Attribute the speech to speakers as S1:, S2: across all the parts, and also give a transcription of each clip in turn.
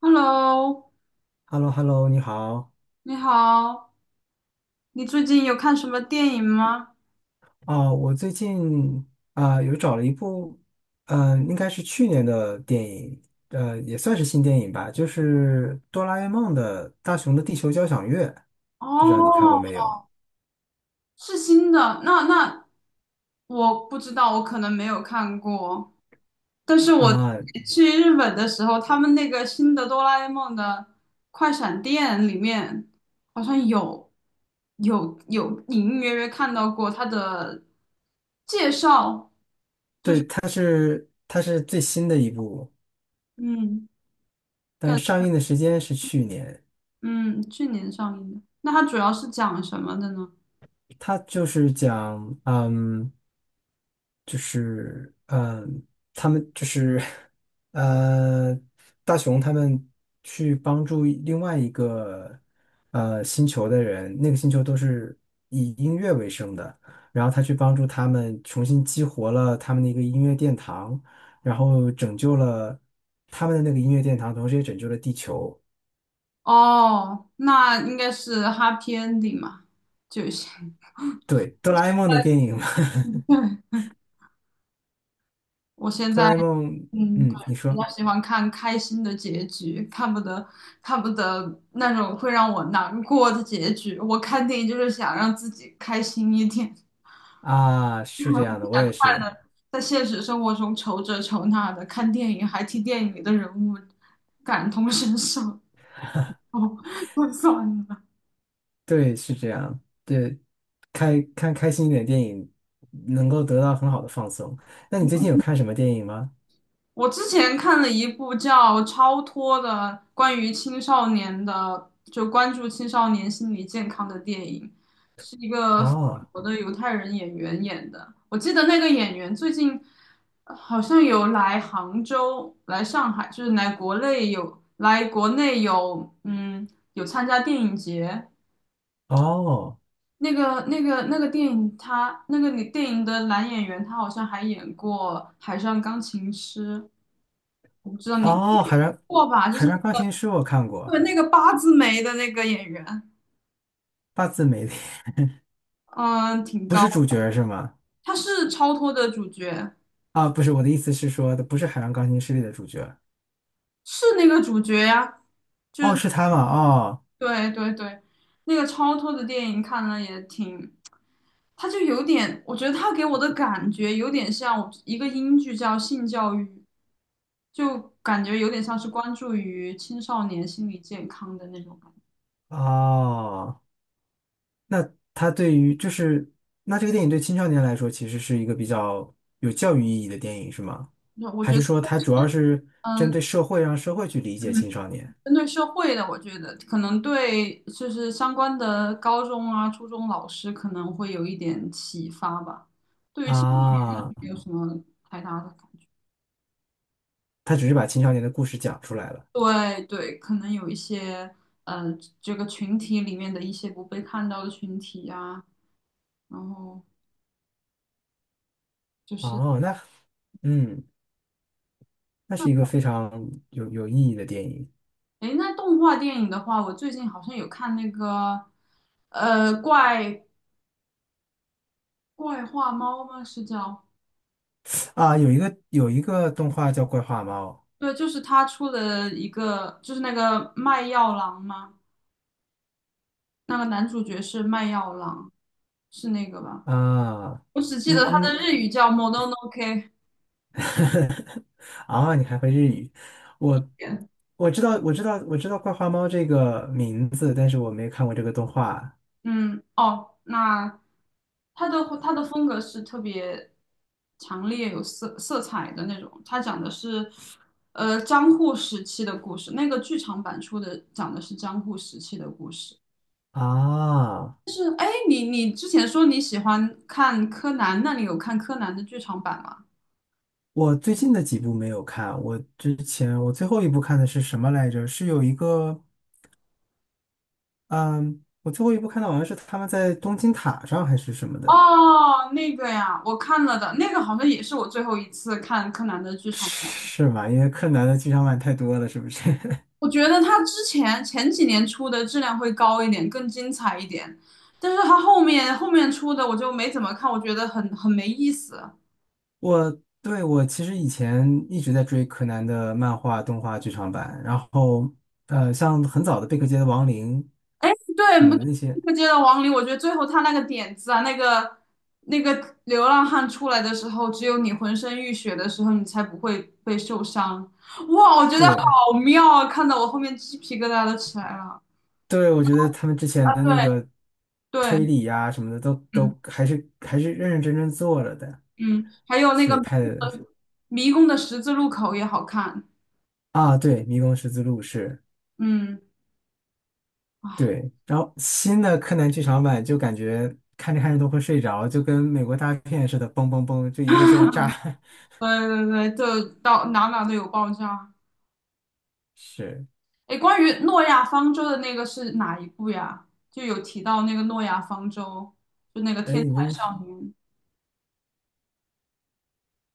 S1: Hello，
S2: h e l l o hello 你好。
S1: 你好，你最近有看什么电影吗？
S2: 啊！我最近有找了一部，应该是去年的电影，也算是新电影吧，就是《哆啦 A 梦的大雄的地球交响乐》，不知道你看
S1: 哦，
S2: 过没有？
S1: 是新的，那我不知道，我可能没有看过。但是我
S2: 啊、
S1: 去日本的时候，他们那个新的哆啦 A 梦的快闪店里面，好像有隐隐约约看到过它的介绍。
S2: 对，它是最新的一部，
S1: 嗯，
S2: 但
S1: 感
S2: 上映的时间是去年。
S1: 嗯，去年上映的。那它主要是讲什么的呢？
S2: 他就是讲，就是嗯，他们就是呃，大雄他们去帮助另外一个星球的人，那个星球都是以音乐为生的，然后他去帮助他们重新激活了他们的一个音乐殿堂，然后拯救了他们的那个音乐殿堂，同时也拯救了地球。
S1: 哦，那应该是 happy ending 嘛，就行。
S2: 对，哆啦 A 梦的电影嘛，
S1: 对，我 现
S2: 哆
S1: 在。
S2: 啦 A 梦，
S1: 嗯，对，
S2: 嗯，你
S1: 比
S2: 说。
S1: 较喜欢看开心的结局，看不得那种会让我难过的结局。我看电影就是想让自己开心一点，
S2: 啊，是这样
S1: 不
S2: 的，我
S1: 想
S2: 也
S1: 快
S2: 是，
S1: 乐。在现实生活中愁这愁那的，看电影还替电影里的人物感同身受，哦，算了。
S2: 对，是这样，对，看开心一点电影，能够得到很好的放松。那你最近有看什么电影吗？
S1: 我之前看了一部叫《超脱》的关于青少年的，就关注青少年心理健康的电影，是一个法
S2: 哦，
S1: 国的犹太人演员演的。我记得那个演员最近好像有来杭州、来上海，就是来国内有参加电影节。
S2: 哦，
S1: 那个电影他，那个女电影的男演员，他好像还演过《海上钢琴师》。我不知道你
S2: 哦，
S1: 过吧，就是
S2: 海上钢
S1: 那个，
S2: 琴师我看
S1: 对
S2: 过，
S1: 那个八字眉的那个演员，
S2: 八字没的
S1: 嗯，挺
S2: 不
S1: 高，
S2: 是主角是吗？
S1: 他是超脱的主角，
S2: 啊，不是，我的意思是说的不是海上钢琴师里的主角，
S1: 是那个主角呀，就
S2: 哦，
S1: 是
S2: 是他吗？哦，
S1: 对对对，那个超脱的电影看了也挺，他就有点，我觉得他给我的感觉有点像一个英剧叫《性教育》，就感觉有点像是关注于青少年心理健康的那种感
S2: 哦。那它对于就是那这个电影对青少年来说，其实是一个比较有教育意义的电影，是吗？
S1: 觉，我
S2: 还
S1: 觉
S2: 是
S1: 得，
S2: 说它主要是针
S1: 嗯。
S2: 对社会，让社会去理解
S1: 嗯
S2: 青少年
S1: 针对社会的，我觉得可能对就是相关的高中啊、初中老师可能会有一点启发吧。对于青少年的
S2: 啊？
S1: 没有什么太大的感觉。
S2: 它只是把青少年的故事讲出来了。
S1: 对对，可能有一些呃这个群体里面的一些不被看到的群体啊，然后就是
S2: 哦，嗯，那是一个非常有意义的电影
S1: 诶，那动画电影的话，我最近好像有看那个呃怪怪画猫吗？是叫？
S2: 啊。有一个动画叫《怪话猫》
S1: 对，就是他出了一个，就是那个卖药郎吗？那个男主角是卖药郎，是那个吧？
S2: 啊，
S1: 我只记得他的
S2: 嗯
S1: 日语叫 m o n o n o k。
S2: 啊，你还会日语？我我知道，我知道，我知道《怪花猫》这个名字，但是我没看过这个动画
S1: 嗯，哦，那他的风格是特别强烈有色彩的那种。他讲的是，江户时期的故事。那个剧场版出的讲的是江户时期的故事。
S2: 啊。
S1: 哎，你之前说你喜欢看柯南，那你有看柯南的剧场版吗？
S2: 我最近的几部没有看，我之前我最后一部看的是什么来着？是有一个，嗯，我最后一部看到好像是他们在东京塔上还是什么的，
S1: 哦，那个呀，我看了的，那个好像也是我最后一次看柯南的剧场版。
S2: 是吗？因为柯南的剧场版太多了，是不是？
S1: 我觉得他之前前几年出的质量会高一点，更精彩一点，但是他后面出的我就没怎么看，我觉得很没意思。
S2: 我对我其实以前一直在追柯南的漫画、动画剧场版，然后像很早的《贝克街的亡灵》
S1: 对，
S2: 什么
S1: 不
S2: 的那些，
S1: 就接到王林，我觉得最后他那个点子啊，那个流浪汉出来的时候，只有你浑身浴血的时候，你才不会被受伤。哇，我觉得
S2: 对
S1: 好妙啊，看得我后面鸡皮疙瘩都起来了。
S2: 对，我觉得他们之前的那
S1: 对
S2: 个
S1: 对。
S2: 推理呀、什么的都
S1: 嗯。
S2: 都还是认认真真做了的，
S1: 嗯，还有那个
S2: 是
S1: 迷
S2: 拍
S1: 宫
S2: 的
S1: 的迷宫的十字路口也好看。
S2: 啊，对，《迷宫十字路》是。
S1: 嗯，啊
S2: 对，然后新的柯南剧场版就感觉看着看着都会睡着，就跟美国大片似的，嘣嘣嘣，就一个劲儿炸，
S1: 对对对，就到哪哪都有爆炸。
S2: 是。
S1: 哎，关于诺亚方舟的那个是哪一部呀？就有提到那个诺亚方舟，就那个
S2: 哎，
S1: 天
S2: 你这
S1: 才
S2: 么
S1: 少年，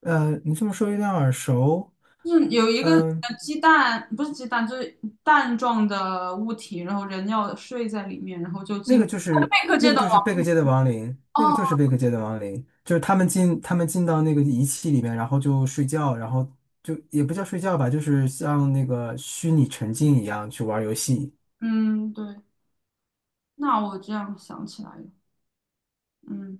S2: 你这么说有点耳熟。
S1: 就是有一个
S2: 嗯，
S1: 鸡蛋，不是鸡蛋，就是蛋状的物体，然后人要睡在里面，然后就进
S2: 那
S1: 入
S2: 个就是
S1: 贝克
S2: 那
S1: 街
S2: 个
S1: 的
S2: 就是
S1: 王
S2: 贝克
S1: 国。
S2: 街的亡灵，那个
S1: 哦，
S2: 就是贝克街的亡灵，就是他们进到那个仪器里面，然后就睡觉，然后就也不叫睡觉吧，就是像那个虚拟沉浸一样去玩游戏。
S1: 嗯，对，那我这样想起来了，嗯。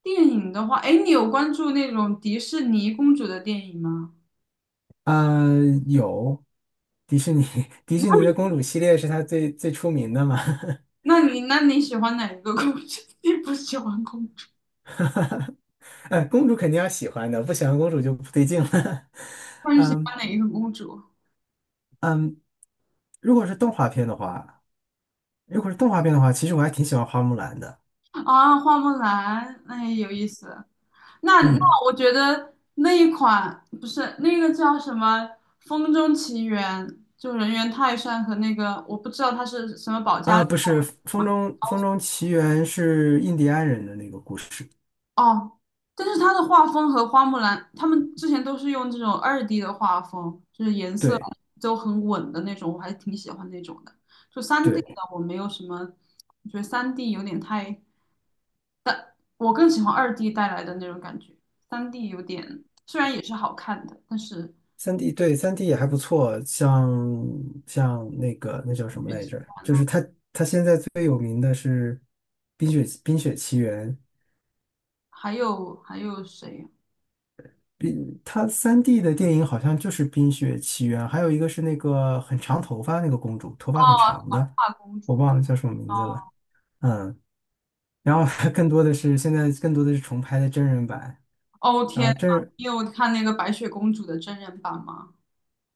S1: 电影的话，哎，你有关注那种迪士尼公主的电影吗？
S2: 呃，有迪士尼 迪士尼的公主系列是它最最出名的嘛。
S1: 那你喜欢哪一个公主？你不喜欢公主，
S2: 哎，公主肯定要喜欢的，不喜欢公主就不对劲了。
S1: 那 你喜
S2: 嗯，
S1: 欢哪一个公主？
S2: 如果是动画片的话，如果是动画片的话，其实我还挺喜欢花木兰的。
S1: 啊，花木兰，那也有意思。那
S2: 嗯
S1: 我觉得那一款不是那个叫什么《风中奇缘》，就人猿泰山和那个我不知道它是什么保加
S2: 啊，
S1: 利
S2: 不是
S1: 亚。
S2: 风中奇缘》是印第安人的那个故事，
S1: 哦，但是它的画风和花木兰，他们之前都是用这种二 D 的画风，就是颜色
S2: 对
S1: 都很稳的那种，我还挺喜欢那种的。就三 D 的
S2: 对，
S1: 我没有什么，我觉得三 D 有点太，我更喜欢二 D 带来的那种感觉。三 D 有点，虽然也是好看的，但是
S2: 三 D 也还不错，像那个那叫什么来着？就是他现在最有名的是冰雪奇缘》，
S1: 还有谁呀？
S2: 他三 D 的电影好像就是《冰雪奇缘》，还有一个是那个很长头发那个公主，头
S1: 哦，
S2: 发很长
S1: 长
S2: 的，
S1: 发公
S2: 我
S1: 主。
S2: 忘了叫什么名
S1: 哦，
S2: 字了，嗯，然后 更多的是重拍的真人版。
S1: 哦
S2: 然
S1: 天
S2: 后
S1: 呐，
S2: 真人
S1: 你有看那个白雪公主的真人版吗？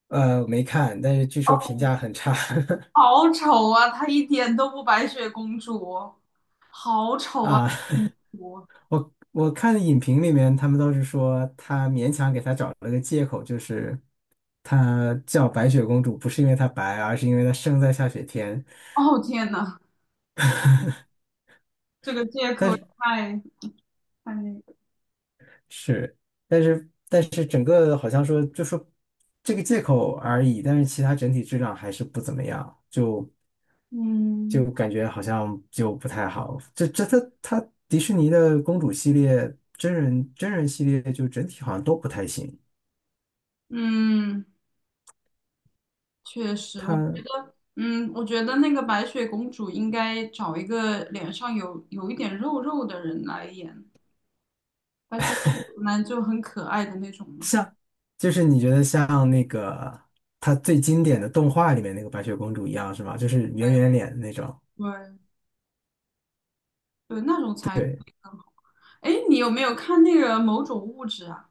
S2: 呃，没看，但是据说评价很差
S1: 好丑啊！她一点都不白雪公主，好 丑啊！
S2: 啊。
S1: 公主，
S2: 我看影评里面，他们都是说他勉强给他找了个借口，就是他叫白雪公主不是因为她白，而是因为她生在下雪天。
S1: 哦天呐，这个借口
S2: 但
S1: 也
S2: 是
S1: 太那个，
S2: 是，但是整个好像说就说这个借口而已，但是其他整体质量还是不怎么样，就。就
S1: 嗯
S2: 感觉好像就不太好。迪士尼的公主系列、真人系列，就整体好像都不太行。
S1: 嗯，确实，我
S2: 它
S1: 嗯，我觉得那个白雪公主应该找一个脸上有一点肉肉的人来演，白雪公主呢就很可爱的那种嘛，
S2: 像就是你觉得像那个它最经典的动画里面那个白雪公主一样是吗？就是
S1: 对
S2: 圆圆脸那种。
S1: 对对，那种才，
S2: 对，
S1: 哎，你有没有看那个某种物质啊？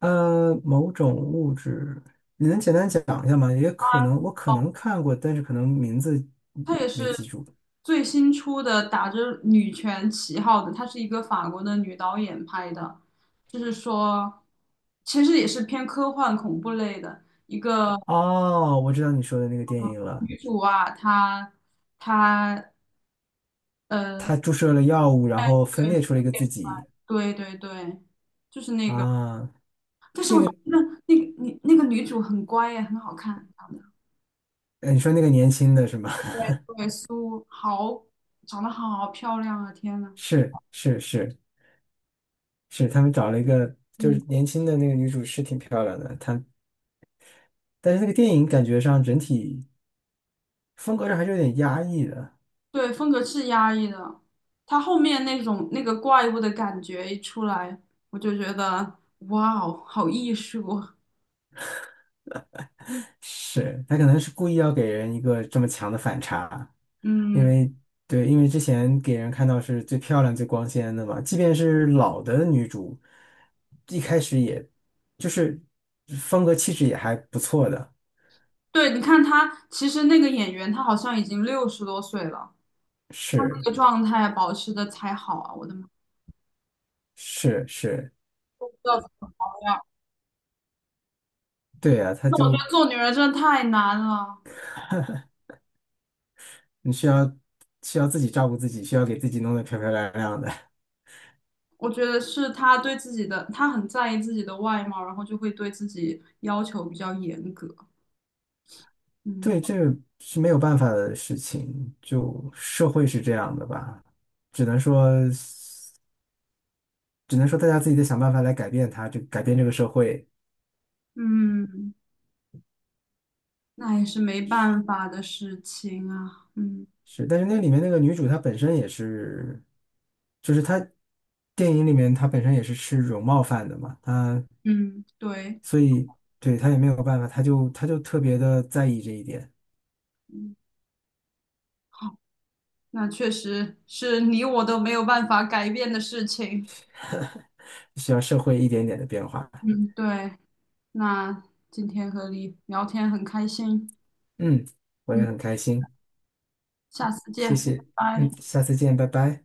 S2: 某种物质，你能简单讲一下吗？也
S1: 啊
S2: 可能我可
S1: 哦。
S2: 能看过，但是可能名字
S1: 她也
S2: 没
S1: 是
S2: 记住。
S1: 最新出的，打着女权旗号的，她是一个法国的女导演拍的，就是说，其实也是偏科幻恐怖类的。一个
S2: 哦，我知道你说的那个电影了。
S1: 女主啊，她她呃，
S2: 他注射了药物，然后分裂出了一个自己
S1: 对对对对，就是那个，
S2: 啊，
S1: 但是
S2: 那
S1: 我觉
S2: 个，
S1: 得你那个女主很乖耶，很好看，长得
S2: 你说那个年轻的是吗？
S1: 对苏好，长得好漂亮啊！天呐，
S2: 是是是是，他们找了一个就是
S1: 嗯。
S2: 年轻的那个女主是挺漂亮的，但是那个电影感觉上整体风格上还是有点压抑的，
S1: 对，风格是压抑的，他后面那种那个怪物的感觉一出来，我就觉得哇哦，好艺术啊。
S2: 是他可能是故意要给人一个这么强的反差，因
S1: 嗯，
S2: 为对，因为之前给人看到是最漂亮、最光鲜的嘛，即便是老的女主，一开始也就是风格气质也还不错的，
S1: 对，你看他，其实那个演员他好像已经60多岁了，他
S2: 是
S1: 那个状态啊保持的才好啊！我的妈，
S2: 是是，
S1: 不知道怎么样。
S2: 对啊，她
S1: 那我觉
S2: 就
S1: 得做女人真的太难了。
S2: 你需要需要自己照顾自己，需要给自己弄得漂漂亮亮的，
S1: 我觉得是他对自己的，他很在意自己的外貌，然后就会对自己要求比较严格。
S2: 对，
S1: 嗯
S2: 这个是没有办法的事情，就社会是这样的吧，只能说大家自己得想办法来改变它，就改变这个社会。
S1: 嗯。那也是没办法的事情啊。嗯
S2: 是，但是那里面那个女主她本身也是，就是电影里面她本身也是吃容貌饭的嘛，她
S1: 嗯，对，
S2: 所以对她也没有办法，她就特别的在意这一点，
S1: 嗯，好，那确实是你我都没有办法改变的事情。
S2: 需要社会一点点的变化。
S1: 嗯，对，那今天和你聊天很开心。
S2: 嗯，我也
S1: 嗯，
S2: 很开心，
S1: 下次见，
S2: 谢
S1: 拜
S2: 谢，
S1: 拜。
S2: 嗯，下次见，拜拜。